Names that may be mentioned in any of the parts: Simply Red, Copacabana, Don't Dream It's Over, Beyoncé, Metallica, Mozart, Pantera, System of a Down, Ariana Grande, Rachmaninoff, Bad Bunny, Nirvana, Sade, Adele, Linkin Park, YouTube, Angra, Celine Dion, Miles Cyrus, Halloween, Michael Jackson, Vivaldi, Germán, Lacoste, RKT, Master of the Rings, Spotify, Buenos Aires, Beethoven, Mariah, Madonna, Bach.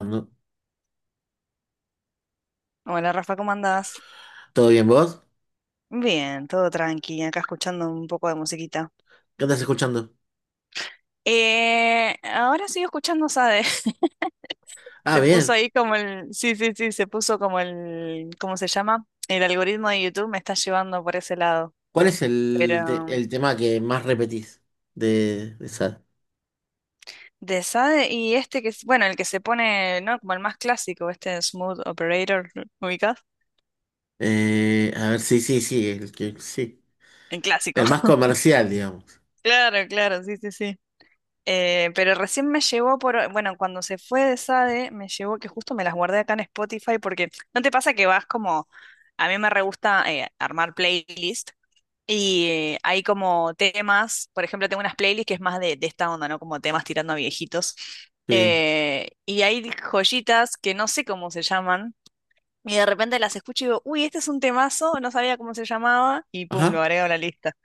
No. Hola Rafa, ¿cómo andás? ¿Todo bien vos? Bien, todo tranqui, acá escuchando un poco de musiquita. ¿Qué estás escuchando? Ahora sigo escuchando Sade. Ah, Se puso bien. ahí como el, sí, sí, sí, se puso como el, ¿cómo se llama? El algoritmo de YouTube me está llevando por ese lado. ¿Cuál es el, Pero el tema que más repetís de, esa? de Sade y este que es, bueno, el que se pone, ¿no? Como el más clásico, este Smooth Operator, ¿lo ubicás? A ver, sí, sí, sí, el que sí. El clásico. El más comercial, digamos. Claro, claro, sí, sí, sí. Pero recién me llegó por, bueno, cuando se fue de Sade, me llegó que justo me las guardé acá en Spotify porque ¿no te pasa que vas como, a mí me re gusta armar playlist y hay como temas, por ejemplo, tengo unas playlists que es más de esta onda, ¿no? Como temas tirando a viejitos. Sí. Y hay joyitas que no sé cómo se llaman y de repente las escucho y digo, uy, este es un temazo, no sabía cómo se llamaba y pum, lo Ajá. agrego a la lista.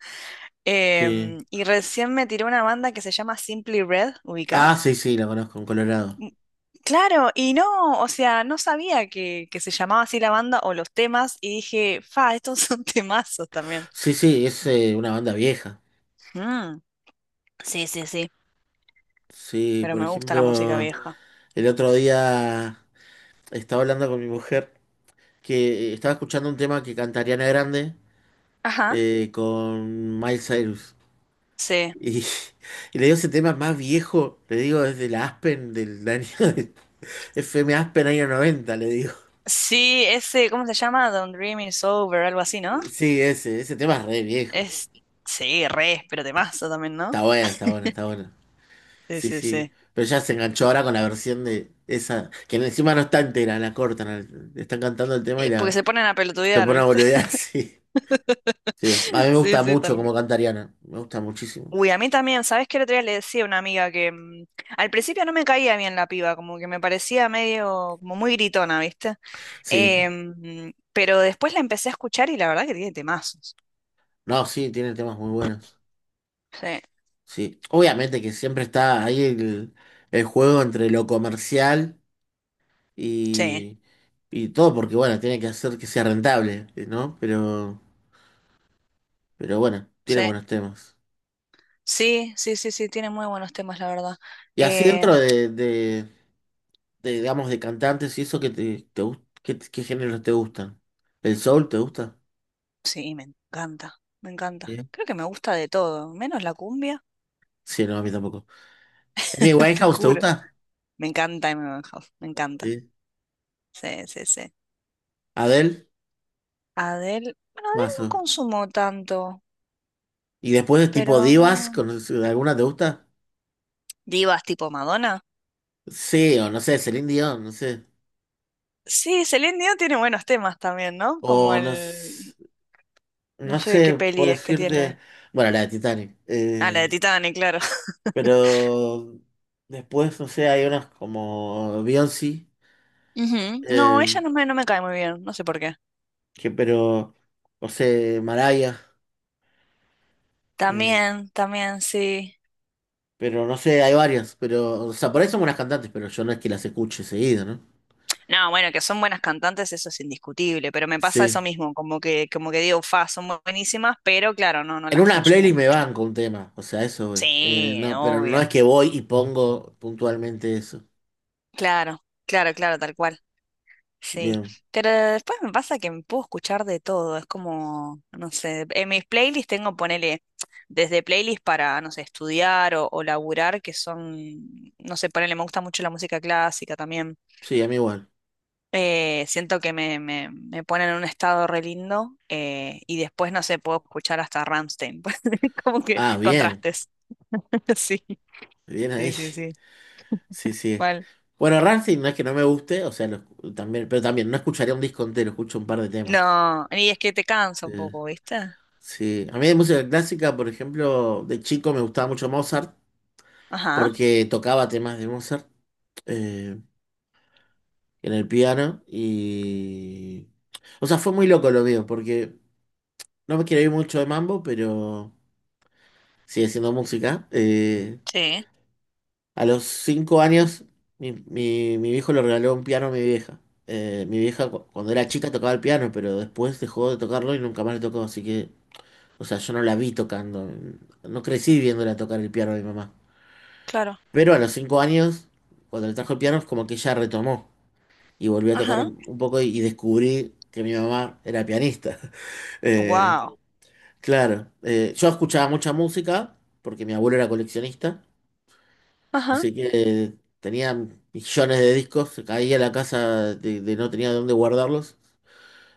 Sí. Y recién me tiró una banda que se llama Simply Red, Ah, ¿ubicás? sí, sí, la conozco en Colorado. Mm. Claro, y no, o sea, no sabía que se llamaba así la banda o los temas, y dije, fa, estos son temazos también. Sí, sí, es una banda vieja. Mm, sí, sí, sí, Sí, pero por me gusta la música ejemplo, vieja. el otro día estaba hablando con mi mujer que estaba escuchando un tema que canta Ariana Grande Ajá, con Miles Cyrus. sí. Y, y le digo ese tema más viejo, le digo desde la Aspen del año FM Aspen año 90 le digo. Sí, ese, ¿cómo se llama? Don't Dream It's Over, algo así, ¿no? Sí, ese tema es re viejo. Es, sí, re, pero temazo también, ¿no? Está bueno, está bueno, está bueno. Sí, Sí, sí, sí. sí. Pero ya se enganchó ahora con la versión de esa, que encima no está entera, la cortan, están cantando el tema y Y... Porque la se ponen a se pelotudear, pone a ¿viste? boludear, sí. Sí, a mí me Sí, gusta sí, mucho tal. como canta Ariana, me gusta muchísimo. Uy, a mí también, ¿sabes qué? El otro día le decía a una amiga que mm, al principio no me caía bien la piba, como que me parecía medio, como muy gritona, ¿viste? Sí, Pero después la empecé a escuchar y la verdad que tiene temazos. no, sí, tiene temas muy buenos. Sí, Sí, obviamente que siempre está ahí el juego entre lo comercial sí, y, y todo, porque bueno, tiene que hacer que sea rentable, ¿no? Pero bueno, tiene sí, buenos temas. sí, sí, sí, sí, tiene muy buenos temas, la verdad. Y así dentro Eh, de, digamos, de cantantes y eso, ¿qué, te, qué, qué géneros te gustan? ¿El soul te gusta? sí, me encanta, me Sí, encanta. Creo que me gusta de todo, menos la cumbia, sí, no, a mí tampoco. ¿Amy te Winehouse te juro. gusta? Me encanta Amy Winehouse, me encanta. Sí. Sí, sí, sí. ¿Adele? Adele, bueno, Adele no Mazo. consumo tanto, ¿Y después de tipo pero divas, no. con, alguna te gusta? Divas tipo Madonna. Sí, o no sé, Celine Dion, no sé. Sí, Celine Dion tiene buenos temas también, ¿no? Como O no, el... No no sé qué sé, puedo peli es que decirte, tiene. bueno, la de Titanic, Ah, la de Titanic, claro. pero después, no sé, hay unas como Beyoncé, Ujú. No, eh, ella no me, no me cae muy bien, no sé por qué. que pero, no sé, Mariah, eh, También, también, sí. pero no sé, hay varias, pero, o sea, por ahí son buenas cantantes, pero yo no es que las escuche seguido, ¿no? No, bueno, que son buenas cantantes, eso es indiscutible, pero me pasa Sí. eso mismo, como que digo, fa, son buenísimas, pero claro, no, no En las una consumo playlist me mucho. van con un tema, o sea, eso, voy. Sí, No, pero no es obvio. que voy y pongo puntualmente eso. Claro, claro, claro, tal cual. Sí, Bien, pero después me pasa que me puedo escuchar de todo, es como, no sé, en mis playlists tengo, ponele, desde playlists para, no sé, estudiar o laburar, que son, no sé, ponele, me gusta mucho la música clásica también. sí, a mí igual. Siento que me ponen en un estado re lindo y después, no sé, puedo escuchar hasta Rammstein, como que Ah, bien, contrastes. Sí, bien ahí. sí, sí, sí, Sí, sí. mal. Bueno, Rammstein no es que no me guste, o sea, lo también, pero también no escucharía un disco entero, escucho un par de temas. No, y es que te cansa un Eh, poco, ¿viste? sí, a mí de música clásica, por ejemplo, de chico me gustaba mucho Mozart, Ajá, porque tocaba temas de Mozart eh, en el piano y... O sea, fue muy loco lo mío, porque no me quiero ir mucho de mambo, pero sigue siendo música. Sí, A los 5 años, mi viejo le regaló un piano a mi vieja. Mi vieja cuando era chica tocaba el piano, pero después dejó de tocarlo y nunca más le tocó, así que, o sea, yo no la vi tocando. No crecí viéndola tocar el piano a mi mamá. claro, Pero a los 5 años, cuando le trajo el piano, es como que ella retomó y volvió a tocar ajá, un poco y descubrí que mi mamá era pianista. Eh, wow. claro, yo escuchaba mucha música porque mi abuelo era coleccionista. Ajá. Así que tenía millones de discos, se caía la casa de no tenía dónde guardarlos.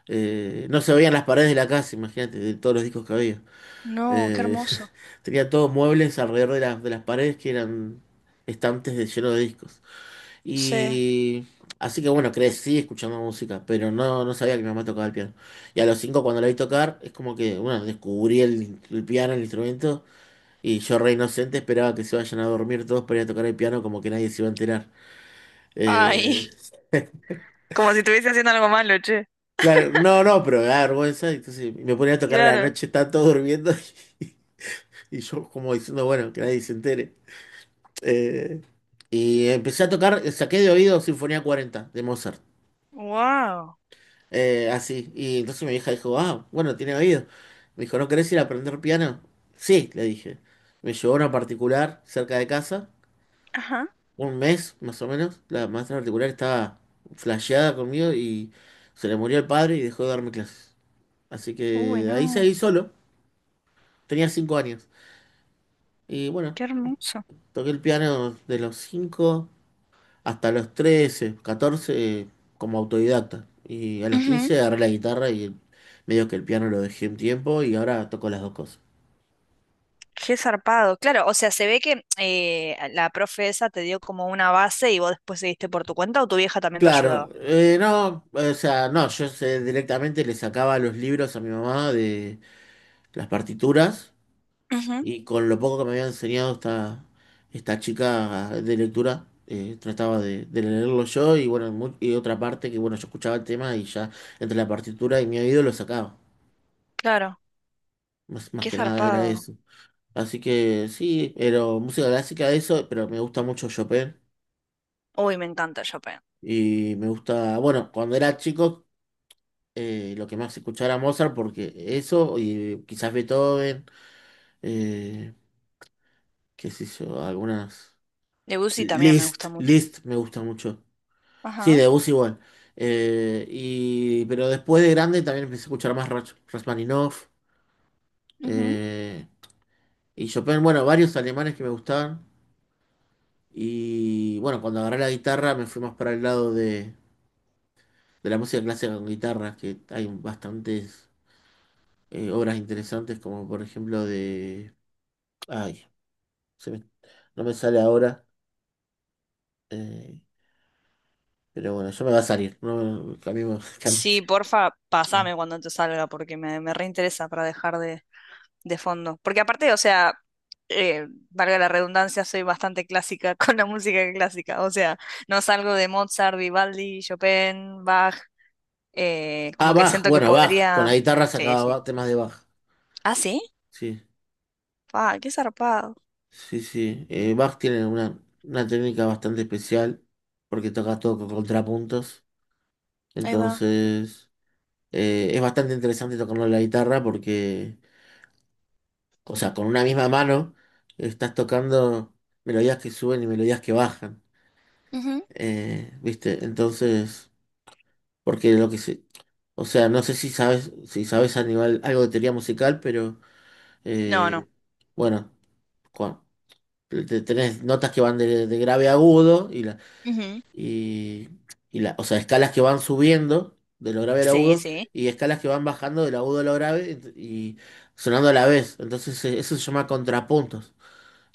No se veían las paredes de la casa, imagínate, de todos los discos que había. No, qué Eh, hermoso. tenía todos muebles alrededor de las paredes que eran estantes de, llenos de discos. Sí. Y así que bueno, crecí escuchando música, pero no, no sabía que mi mamá tocaba el piano. Y a los 5 cuando la vi tocar, es como que, bueno, descubrí el piano, el instrumento, y yo re inocente esperaba que se vayan a dormir todos para ir a tocar el piano como que nadie se iba a enterar. Eh, Ay, como si estuviese haciendo algo malo, che. claro, no, no, pero me da vergüenza. Entonces me ponía a tocar a la Claro. noche, estaban todos durmiendo y, yo como diciendo, bueno, que nadie se entere. Eh, y empecé a tocar, saqué de oído Sinfonía 40 de Mozart. Wow. Así. Y entonces mi hija dijo, ah, bueno, tiene oído. Me dijo, ¿no querés ir a aprender piano? Sí, le dije. Me llevó a una particular cerca de casa, Ajá. un mes más o menos. La maestra particular estaba flasheada conmigo y se le murió el padre y dejó de darme clases. Así Uy, que ahí no, seguí solo. Tenía 5 años. Y bueno, qué hermoso. toqué el piano de los 5 hasta los 13, 14 como autodidacta. Y a los Ujú. 15 agarré la guitarra y medio que el piano lo dejé un tiempo y ahora toco las dos cosas. Qué zarpado. Claro, o sea, se ve que la profe esa te dio como una base y vos después seguiste por tu cuenta o tu vieja también te Claro, ayudaba. No, o sea, no, yo sé, directamente le sacaba los libros a mi mamá de las partituras. Ujú. Y con lo poco que me había enseñado esta chica de lectura, trataba de leerlo yo y bueno, y otra parte que bueno, yo escuchaba el tema y ya entre la partitura y mi oído lo sacaba. Claro, Más, más qué que nada era zarpado. eso. Así que sí, pero música clásica eso, pero me gusta mucho Chopin Uy, me encanta Chopin. y me gusta, bueno, cuando era chico lo que más escuchaba era Mozart porque eso y quizás Beethoven, eh, qué sé yo, algunas... Debussy también me List, gusta mucho. List me gusta mucho. Sí, Ajá. de Bus igual. Y, pero después de grande también empecé a escuchar más Rachmaninoff Ujú. eh, y Chopin. Bueno, varios alemanes que me gustaban. Y bueno, cuando agarré la guitarra me fui más para el lado de la música clásica con guitarras, que hay bastantes obras interesantes, como por ejemplo de... Ay, se me- no me sale ahora. eh, pero bueno, yo me va a salir. No, cambiemos, cambiemos. Sí, porfa, Eh, pasame cuando te salga porque me reinteresa para dejar de fondo. Porque aparte, o sea, valga la redundancia, soy bastante clásica con la música clásica. O sea, no salgo de Mozart, Vivaldi, Chopin, Bach. Ah, Como que Bach, siento que bueno, Bach. Con podría. la guitarra Sí, sacaba sí. Temas de Bach. Ah, sí. Sí. Ah, qué zarpado. Sí, sí. Bach tiene una técnica bastante especial porque toca todo con contrapuntos. Ahí va. Entonces, es bastante interesante tocando la guitarra porque, o sea, con una misma mano estás tocando melodías que suben y melodías que bajan. Ujú. ¿Viste? Entonces, porque lo que se, o sea, no sé si sabes, si sabes a nivel algo de teoría musical, pero No, no. eh, bueno, cua- tenés notas que van de grave a agudo y las Ujú. y, y la, o sea, escalas que van subiendo de lo grave al Sí, agudo sí. y escalas que van bajando del agudo a lo grave y sonando a la vez. Entonces eso se llama contrapuntos.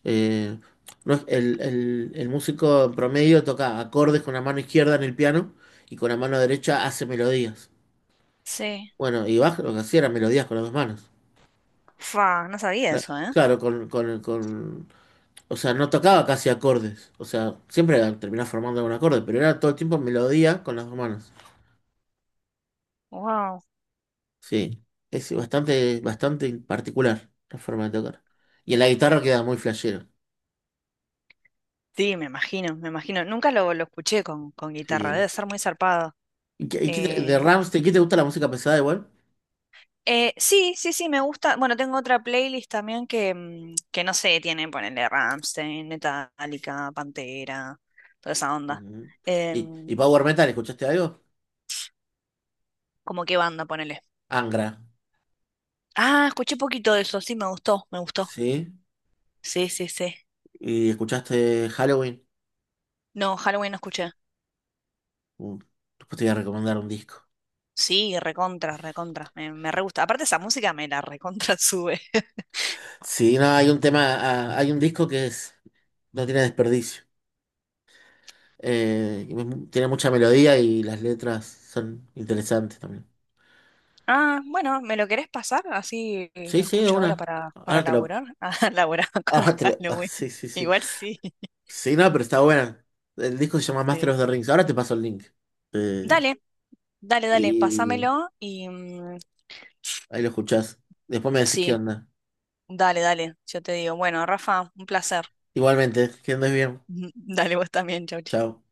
Eh, no es- el, el músico en promedio toca acordes con la mano izquierda en el piano y con la mano derecha hace melodías. Sí. Bueno, y Bach lo que hacía eran melodías con las dos manos. Fa, no sabía eso, ¿eh? Claro, o sea, no tocaba casi acordes. O sea, siempre terminaba formando un acorde, pero era todo el tiempo melodía con las dos manos. Wow. Sí, es bastante, bastante particular la forma de tocar. Y en la guitarra queda muy flashero. Sí, me imagino, me imagino. Nunca lo, lo escuché con guitarra. Sí. Debe ser muy zarpado. ¿Y y qué de Eh, Rammstein, ¿qué te gusta la música pesada igual? Sí, sí, sí, me gusta. Bueno, tengo otra playlist también que, mm, que no sé, tiene, ponele Rammstein, Metallica, Pantera, toda esa onda. Ujú. Y Em, Power Metal, escuchaste algo? ¿Cómo qué banda, ponele? Angra, Ah, escuché poquito de eso, sí, me gustó, me gustó. ¿sí? Sí, sí, sí. ¿Y escuchaste Halloween? No, Halloween no escuché. Uh, después te voy a recomendar un disco. Sí, recontra, recontra. Me re gusta. Aparte esa música me la recontra sube. Sí, no, hay un tema, ah, hay un disco que es, no tiene desperdicio. Y tiene mucha melodía y las letras son interesantes también. Ah, bueno, ¿me lo querés pasar? Así Sí, lo sí, de escucho ahora una. Para Ahora te lo, laburar. Ah, laburar con ahora te lo, ah, Halloween. sí, sí, sí. Igual sí. Sí, no, pero está buena. El disco se llama Master Sí. of the Rings. Ahora te paso el link. Eh, Dale. Dale, dale, y pásamelo y mm, ahí lo escuchás. Después me decís qué sí, onda. dale, dale, yo te digo. Bueno, Rafa, un placer. Igualmente, que andes bien. Dale, vos también, chau. Chao.